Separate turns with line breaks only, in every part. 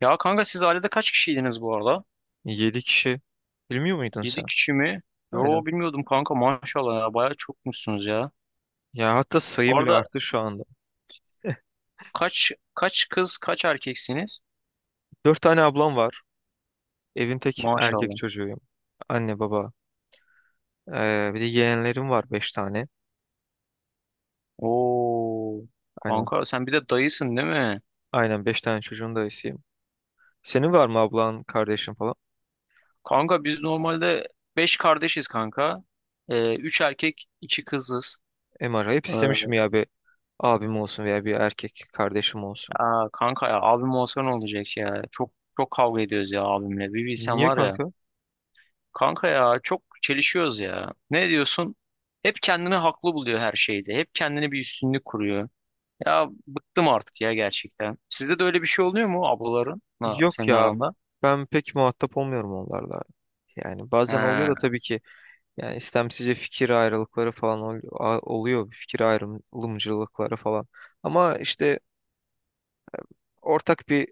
Ya kanka siz ailede kaç kişiydiniz bu arada?
7 kişi. Bilmiyor muydun sen?
7 kişi mi?
Aynen.
Yo bilmiyordum kanka maşallah ya bayağı çokmuşsunuz ya.
Ya hatta
Bu
sayı bile
arada
arttı şu anda.
kaç kız kaç erkeksiniz?
Dört tane ablam var. Evin tek erkek
Maşallah.
çocuğuyum. Anne baba. Bir de yeğenlerim var, beş tane.
Oo,
Aynen.
kanka sen bir de dayısın değil mi?
Aynen, beş tane çocuğun dayısıyım. Senin var mı ablan, kardeşin falan?
Kanka biz normalde 5 kardeşiz kanka. 3 erkek 2 kızız.
Acayip
Ee,
istemişim ya bir abim olsun veya bir erkek kardeşim olsun.
aa, kanka ya abim olsa ne olacak ya? Çok çok kavga ediyoruz ya abimle. Bir bilsen
Niye
var ya.
kanka?
Kanka ya çok çelişiyoruz ya. Ne diyorsun? Hep kendini haklı buluyor her şeyde. Hep kendini bir üstünlük kuruyor. Ya bıktım artık ya gerçekten. Sizde de öyle bir şey oluyor mu ablaların? Ha,
Yok
senin
ya.
aranda.
Ben pek muhatap olmuyorum onlarla. Yani bazen oluyor
He,
da tabii ki. Yani istemsizce fikir ayrılıkları falan oluyor. Fikir ayrılımcılıkları falan. Ama işte ortak bir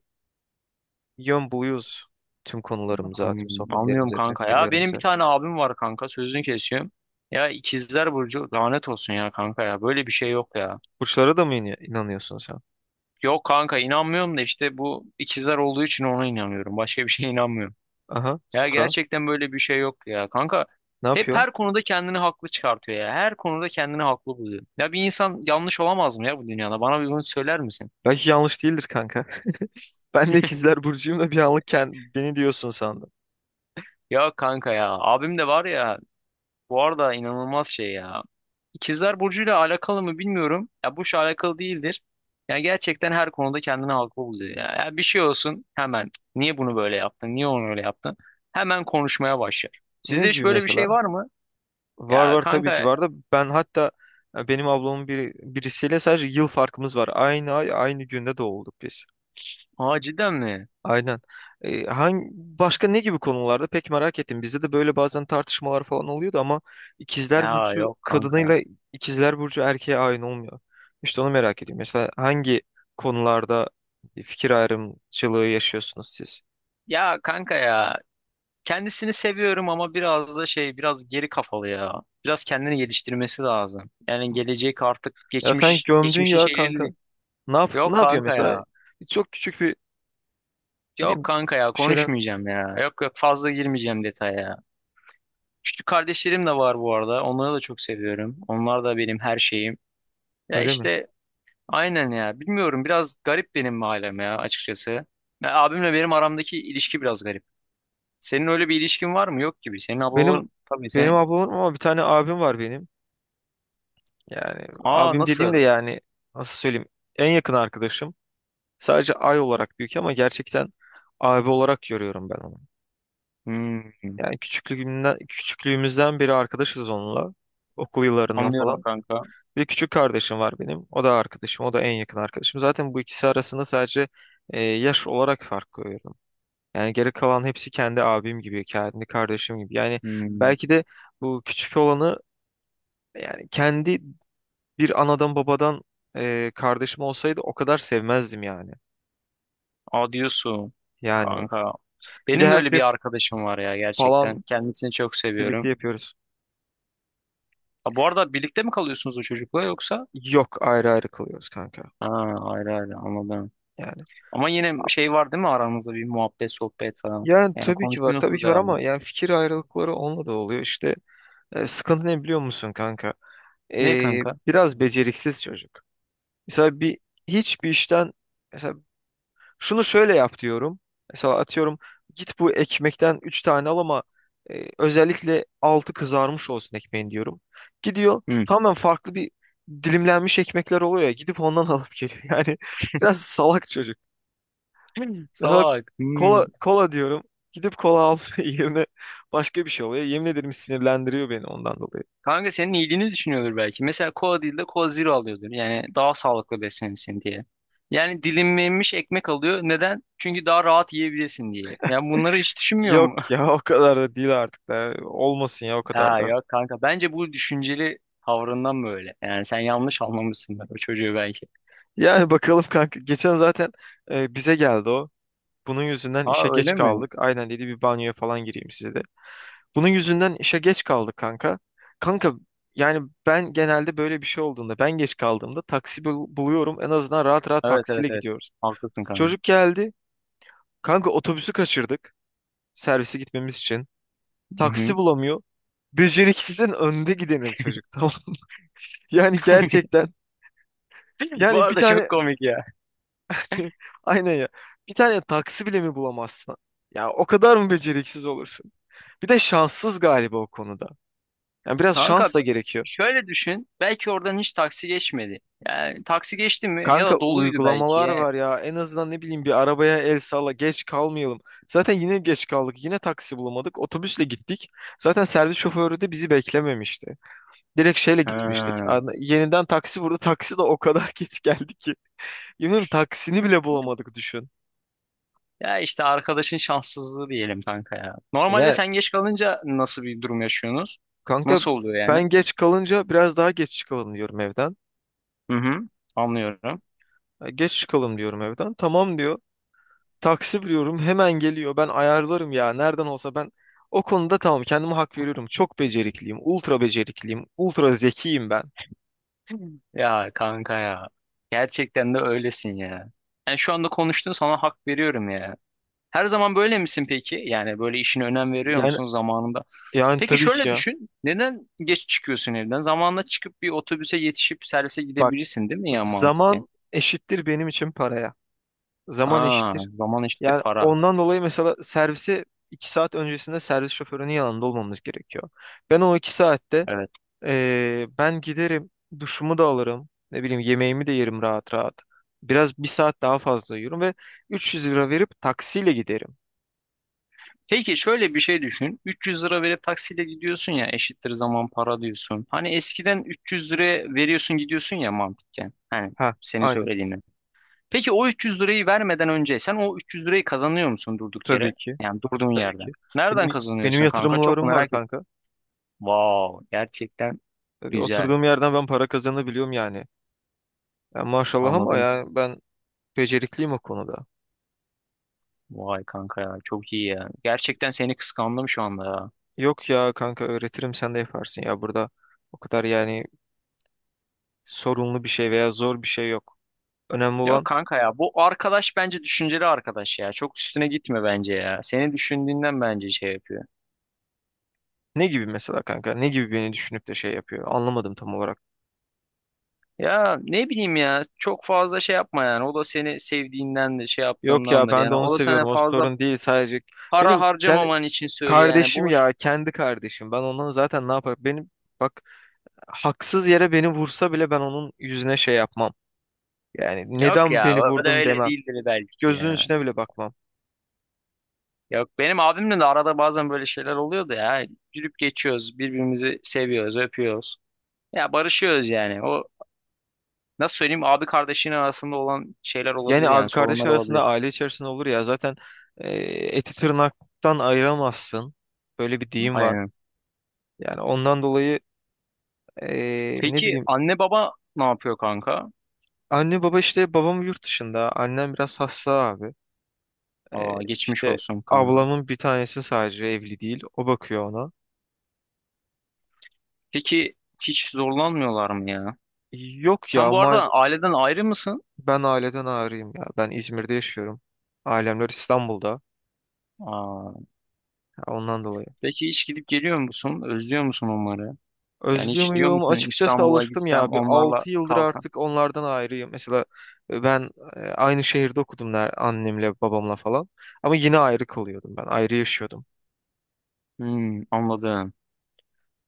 yön buluyoruz tüm konularımıza, tüm
anlıyorum
sohbetlerimize, tüm
kanka ya. Benim bir
fikirlerimize.
tane abim var kanka. Sözünü kesiyorum. Ya ikizler burcu lanet olsun ya kanka ya. Böyle bir şey yok ya.
Burçlara da mı inanıyorsun sen?
Yok kanka, inanmıyorum da işte bu ikizler olduğu için ona inanıyorum. Başka bir şeye inanmıyorum.
Aha,
Ya
sonra
gerçekten böyle bir şey yok ya. Kanka
ne
hep
yapıyor?
her konuda kendini haklı çıkartıyor ya. Her konuda kendini haklı buluyor. Ya bir insan yanlış olamaz mı ya bu dünyada? Bana bir bunu söyler misin?
Belki yanlış değildir kanka. Ben de ikizler burcuyum da bir anlık beni diyorsun sandım.
Ya kanka ya. Abim de var ya. Bu arada inanılmaz şey ya. İkizler Burcu'yla alakalı mı bilmiyorum. Ya bu şey alakalı değildir. Ya gerçekten her konuda kendini haklı buluyor ya. Ya bir şey olsun hemen. "Cık, niye bunu böyle yaptın? Niye onu öyle yaptın? Hemen konuşmaya başlar.
Ne
Sizde hiç
gibi
böyle bir
mesela?
şey var mı?
Var,
Ya
var tabii ki
kanka.
var da ben hatta, benim ablamın biri, birisiyle sadece yıl farkımız var. Aynı ay aynı günde doğulduk biz.
Aa, cidden mi?
Aynen. Hangi başka ne gibi konularda pek merak ettim. Bizde de böyle bazen tartışmalar falan oluyordu ama ikizler
Ya
burcu
yok kanka.
kadınıyla ikizler burcu erkeğe aynı olmuyor. İşte onu merak ediyorum. Mesela hangi konularda fikir ayrımcılığı yaşıyorsunuz siz?
Ya kanka ya, kendisini seviyorum ama biraz da şey, biraz geri kafalı ya. Biraz kendini geliştirmesi lazım. Yani gelecek artık,
Ya sen
geçmiş
gömdün
geçmişin
ya
şeyleri
kanka.
değil. Yok
Ne yapıyor
kanka
mesela?
ya.
Çok küçük bir, ne
Yok
bileyim,
kanka ya,
şeyler.
konuşmayacağım ya. Yok yok, fazla girmeyeceğim detaya. Küçük kardeşlerim de var bu arada. Onları da çok seviyorum. Onlar da benim her şeyim. Ya
Öyle mi?
işte aynen ya. Bilmiyorum, biraz garip benim ailem ya açıkçası. Ya abimle benim aramdaki ilişki biraz garip. Senin öyle bir ilişkin var mı? Yok gibi. Senin
Benim
ablaların tabii
benim
senin.
ablam ama bir tane abim var benim. Yani
Aa,
abim dediğim
nasıl?
de, yani, nasıl söyleyeyim? En yakın arkadaşım. Sadece ay olarak büyük ama gerçekten abi olarak görüyorum ben onu.
Hmm,
Yani küçüklüğümden, küçüklüğümüzden beri arkadaşız onunla. Okul yıllarından
anlıyorum
falan.
kanka.
Bir küçük kardeşim var benim. O da arkadaşım. O da en yakın arkadaşım. Zaten bu ikisi arasında sadece yaş olarak fark koyuyorum. Yani geri kalan hepsi kendi abim gibi, kendi kardeşim gibi. Yani
Hmm,
belki de bu küçük olanı, yani kendi bir anadan babadan kardeşim olsaydı o kadar sevmezdim yani.
aa, diyorsun
Yani
kanka.
bir de
Benim de
her
öyle
şey
bir arkadaşım var ya
falan
gerçekten. Kendisini çok
birlikte
seviyorum.
yapıyoruz.
Ha, bu arada birlikte mi kalıyorsunuz o çocukla yoksa?
Yok, ayrı ayrı kılıyoruz kanka.
Ha, ayrı ayrı, anladım.
Yani
Ama yine şey var değil mi aranızda, bir muhabbet sohbet falan.
yani
Yani
tabii ki var, tabii
konuşuyorsunuz
ki var ama
devamlı.
yani fikir ayrılıkları onunla da oluyor. İşte, sıkıntı ne biliyor musun kanka?
Ne kanka?
Biraz beceriksiz çocuk. Mesela hiçbir işten, mesela şunu şöyle yap diyorum. Mesela atıyorum git bu ekmekten 3 tane al ama özellikle altı kızarmış olsun ekmeğin diyorum. Gidiyor,
Hmm.
tamamen farklı bir dilimlenmiş ekmekler oluyor ya, gidip ondan alıp geliyor. Yani biraz salak çocuk. Mesela
Salak.
kola,
Hmm.
kola diyorum. Gidip kola alma yerine başka bir şey oluyor. Yemin ederim sinirlendiriyor beni ondan dolayı.
Kanka senin iyiliğini düşünüyordur belki. Mesela kola değil de kola zero alıyordur. Yani daha sağlıklı beslenirsin diye. Yani dilimlenmiş ekmek alıyor. Neden? Çünkü daha rahat yiyebilirsin diye. Yani bunları hiç düşünmüyor
Yok
mu?
ya, o kadar da değil artık da. Olmasın ya, o kadar
Ha
da.
yok kanka. Bence bu düşünceli tavrından böyle. Yani sen yanlış anlamışsın o çocuğu belki.
Yani bakalım kanka. Geçen zaten bize geldi o. Bunun yüzünden
Ha,
işe geç
öyle mi?
kaldık. Aynen dedi, bir banyoya falan gireyim size de. Bunun yüzünden işe geç kaldık kanka. Kanka, yani ben genelde böyle bir şey olduğunda, ben geç kaldığımda taksi buluyorum. En azından rahat rahat
Evet evet
taksiyle
evet.
gidiyoruz.
Haklısın kanka.
Çocuk geldi. Kanka, otobüsü kaçırdık, servise gitmemiz için.
Hı
Taksi
hı.
bulamıyor. Beceriksizin önde gideni çocuk, tamam. Yani gerçekten,
Bu
yani bir
arada çok
tane...
komik ya.
aynen ya. Bir tane taksi bile mi bulamazsın? Ya o kadar mı beceriksiz olursun? Bir de şanssız galiba o konuda. Yani biraz
Kanka
şans da gerekiyor.
şöyle düşün. Belki oradan hiç taksi geçmedi. Yani taksi geçti mi ya
Kanka,
da doluydu belki
uygulamalar
ya.
var ya. En azından ne bileyim, bir arabaya el salla, geç kalmayalım. Zaten yine geç kaldık. Yine taksi bulamadık. Otobüsle gittik. Zaten servis şoförü de bizi beklememişti. Direkt şeyle gitmiştik.
Ha.
Yeniden taksi vurdu. Taksi de o kadar geç geldi ki. Yemin ederim taksini bile bulamadık, düşün.
Ya işte arkadaşın şanssızlığı diyelim kanka ya. Normalde
Ya,
sen geç kalınca nasıl bir durum yaşıyorsunuz?
kanka,
Nasıl oluyor yani?
ben geç kalınca biraz daha geç çıkalım diyorum evden.
Hı hı. Anlıyorum.
Ya, geç çıkalım diyorum evden. Tamam diyor. Taksi vuruyorum, hemen geliyor. Ben ayarlarım ya, nereden olsa ben o konuda tamam, kendime hak veriyorum. Çok becerikliyim. Ultra becerikliyim. Ultra zekiyim ben.
Ya kanka ya. Gerçekten de öylesin ya. Yani şu anda konuştuğun, sana hak veriyorum ya. Her zaman böyle misin peki? Yani böyle işine önem veriyor
yani
musun zamanında?
Yani
Peki
tabii ki
şöyle
ya.
düşün. Neden geç çıkıyorsun evden? Zamanla çıkıp bir otobüse yetişip servise
Bak,
gidebilirsin değil mi ya mantıken?
zaman eşittir benim için paraya. Zaman
Ha,
eşittir
zaman eşittir
Yani
para.
ondan dolayı mesela, servise 2 saat öncesinde servis şoförünün yanında olmamız gerekiyor. Ben o 2 saatte,
Evet.
ben giderim, duşumu da alırım, ne bileyim yemeğimi de yerim rahat rahat. Biraz bir saat daha fazla yiyorum ve 300 lira verip taksiyle giderim.
Peki şöyle bir şey düşün. 300 lira verip taksiyle gidiyorsun ya, eşittir zaman para diyorsun. Hani eskiden 300 lira veriyorsun gidiyorsun ya mantıken. Hani
Ha,
senin
aynen.
söylediğinden. Peki o 300 lirayı vermeden önce sen o 300 lirayı kazanıyor musun durduk
Tabii
yere?
ki,
Yani durduğun
tabii
yerden.
ki.
Nereden
Benim benim
kazanıyorsun kanka? Çok
yatırımlarım var
merak ettim.
kanka.
Wow, gerçekten
Tabii
güzel.
oturduğum yerden ben para kazanabiliyorum yani. Ya maşallah ama
Anladım.
ya, ben becerikliyim o konuda.
Vay kanka ya, çok iyi ya. Gerçekten seni kıskandım şu anda ya.
Yok ya kanka, öğretirim sen de yaparsın ya burada. O kadar yani sorunlu bir şey veya zor bir şey yok. Önemli
Yok
olan...
kanka ya, bu arkadaş bence düşünceli arkadaş ya. Çok üstüne gitme bence ya. Seni düşündüğünden bence şey yapıyor.
Ne gibi mesela kanka? Ne gibi beni düşünüp de şey yapıyor? Anlamadım tam olarak.
Ya ne bileyim ya, çok fazla şey yapma yani. O da seni sevdiğinden de şey
Yok ya,
yaptığındandır.
ben de
Yani
onu
o da sana
seviyorum. O
fazla
sorun değil sadece.
para
Benim kendi
harcamaman için söylüyor yani.
kardeşim
Boş.
ya, kendi kardeşim. Ben ondan zaten ne yaparım? Benim, bak, haksız yere beni vursa bile ben onun yüzüne şey yapmam. Yani
Yok
neden
ya,
beni
o da
vurdun
öyle
demem.
değildir belki
Gözünün
ya.
içine bile bakmam.
Yok, benim abimle de arada bazen böyle şeyler oluyordu ya. Gülüp geçiyoruz, birbirimizi seviyoruz, öpüyoruz. Ya barışıyoruz yani. O, nasıl söyleyeyim, abi kardeşinin arasında olan şeyler
Yani
olabilir yani,
abi kardeş
sorunlar
arasında,
olabilir.
aile içerisinde olur ya zaten, e, eti tırnaktan ayıramazsın. Böyle bir deyim var.
Aynen.
Yani ondan dolayı... Ne
Peki
bileyim,
anne baba ne yapıyor kanka?
anne baba işte, babam yurt dışında, annem biraz hasta abi,
Aa, geçmiş
işte
olsun kanka.
ablamın bir tanesi sadece evli değil, o bakıyor ona.
Peki hiç zorlanmıyorlar mı ya?
Yok ya
Sen bu
ama,
arada aileden ayrı mısın?
ben aileden ayrıyım ya, ben İzmir'de yaşıyorum, ailemler İstanbul'da,
Aa,
ya ondan dolayı...
peki hiç gidip geliyor musun? Özlüyor musun onları? Yani
Özlüyor
hiç diyor
muyum?
musun,
Açıkçası
İstanbul'a
alıştım
gitsem
ya, bir
onlarla
6 yıldır
kalsam?
artık onlardan ayrıyım mesela. Ben aynı şehirde okudum annemle babamla falan, ama yine ayrı kalıyordum, ben ayrı yaşıyordum,
Hmm, anladım.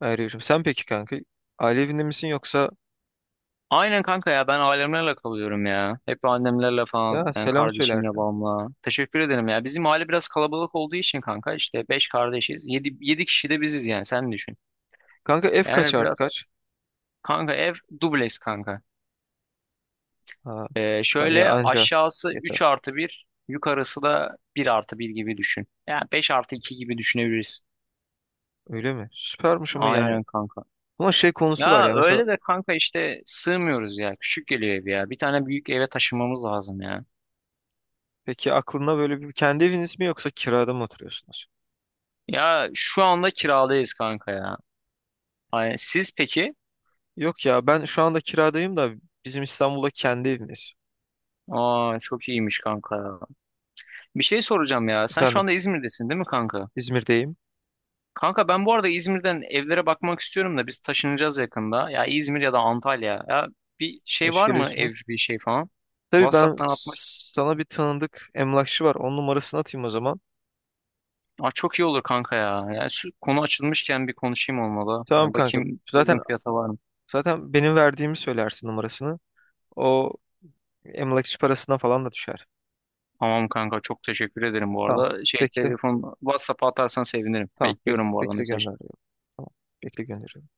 ayrı yaşıyordum. Sen peki kanka, aile evinde misin yoksa...
Aynen kanka ya, ben ailemlerle kalıyorum ya. Hep annemlerle
Ya
falan, yani
selam söyle
kardeşimle
Erkan.
babamla. Teşekkür ederim ya. Bizim aile biraz kalabalık olduğu için kanka, işte 5 kardeşiz. Yedi kişi de biziz, yani sen düşün.
Kanka F kaç
Yani
artı
biraz.
kaç?
Kanka ev dubleks kanka.
Ha tamam ya,
Şöyle
anca
aşağısı
yeter.
3 artı bir, yukarısı da bir artı bir gibi düşün. Yani 5 artı 2 gibi düşünebiliriz.
Öyle mi? Süpermiş ama yani.
Aynen kanka.
Ama şey konusu var
Ya
ya mesela...
öyle de kanka, işte sığmıyoruz ya. Küçük geliyor ev ya. Bir tane büyük eve taşınmamız lazım ya.
Peki aklında böyle bir kendi eviniz mi yoksa kirada mı oturuyorsunuz?
Ya şu anda kiradayız kanka ya. Ay, siz peki?
Yok ya, ben şu anda kiradayım da bizim İstanbul'da kendi evimiz.
Aa, çok iyiymiş kanka ya. Bir şey soracağım ya. Sen şu
Efendim?
anda İzmir'desin değil mi kanka?
İzmir'deyim.
Kanka ben bu arada İzmir'den evlere bakmak istiyorum da, biz taşınacağız yakında. Ya İzmir ya da Antalya. Ya bir şey
Hoş
var mı
geliyorsunuz.
ev, bir şey falan?
Tabii, ben
WhatsApp'tan atma.
sana bir tanıdık emlakçı var. Onun numarasını atayım o zaman.
Aa, çok iyi olur kanka ya. Yani şu konu açılmışken bir konuşayım olmalı.
Tamam
Yani
kanka.
bakayım
Zaten
uygun fiyata var mı?
zaten benim verdiğimi söylersin numarasını. O emlakçı parasına falan da düşer.
Tamam kanka, çok teşekkür ederim bu
Tamam.
arada. Şey,
Bekle.
telefon WhatsApp'a atarsan sevinirim.
Tamam, bek
Bekliyorum bu arada
bekle
mesajını.
gönderiyorum. Tamam, bekle gönderiyorum.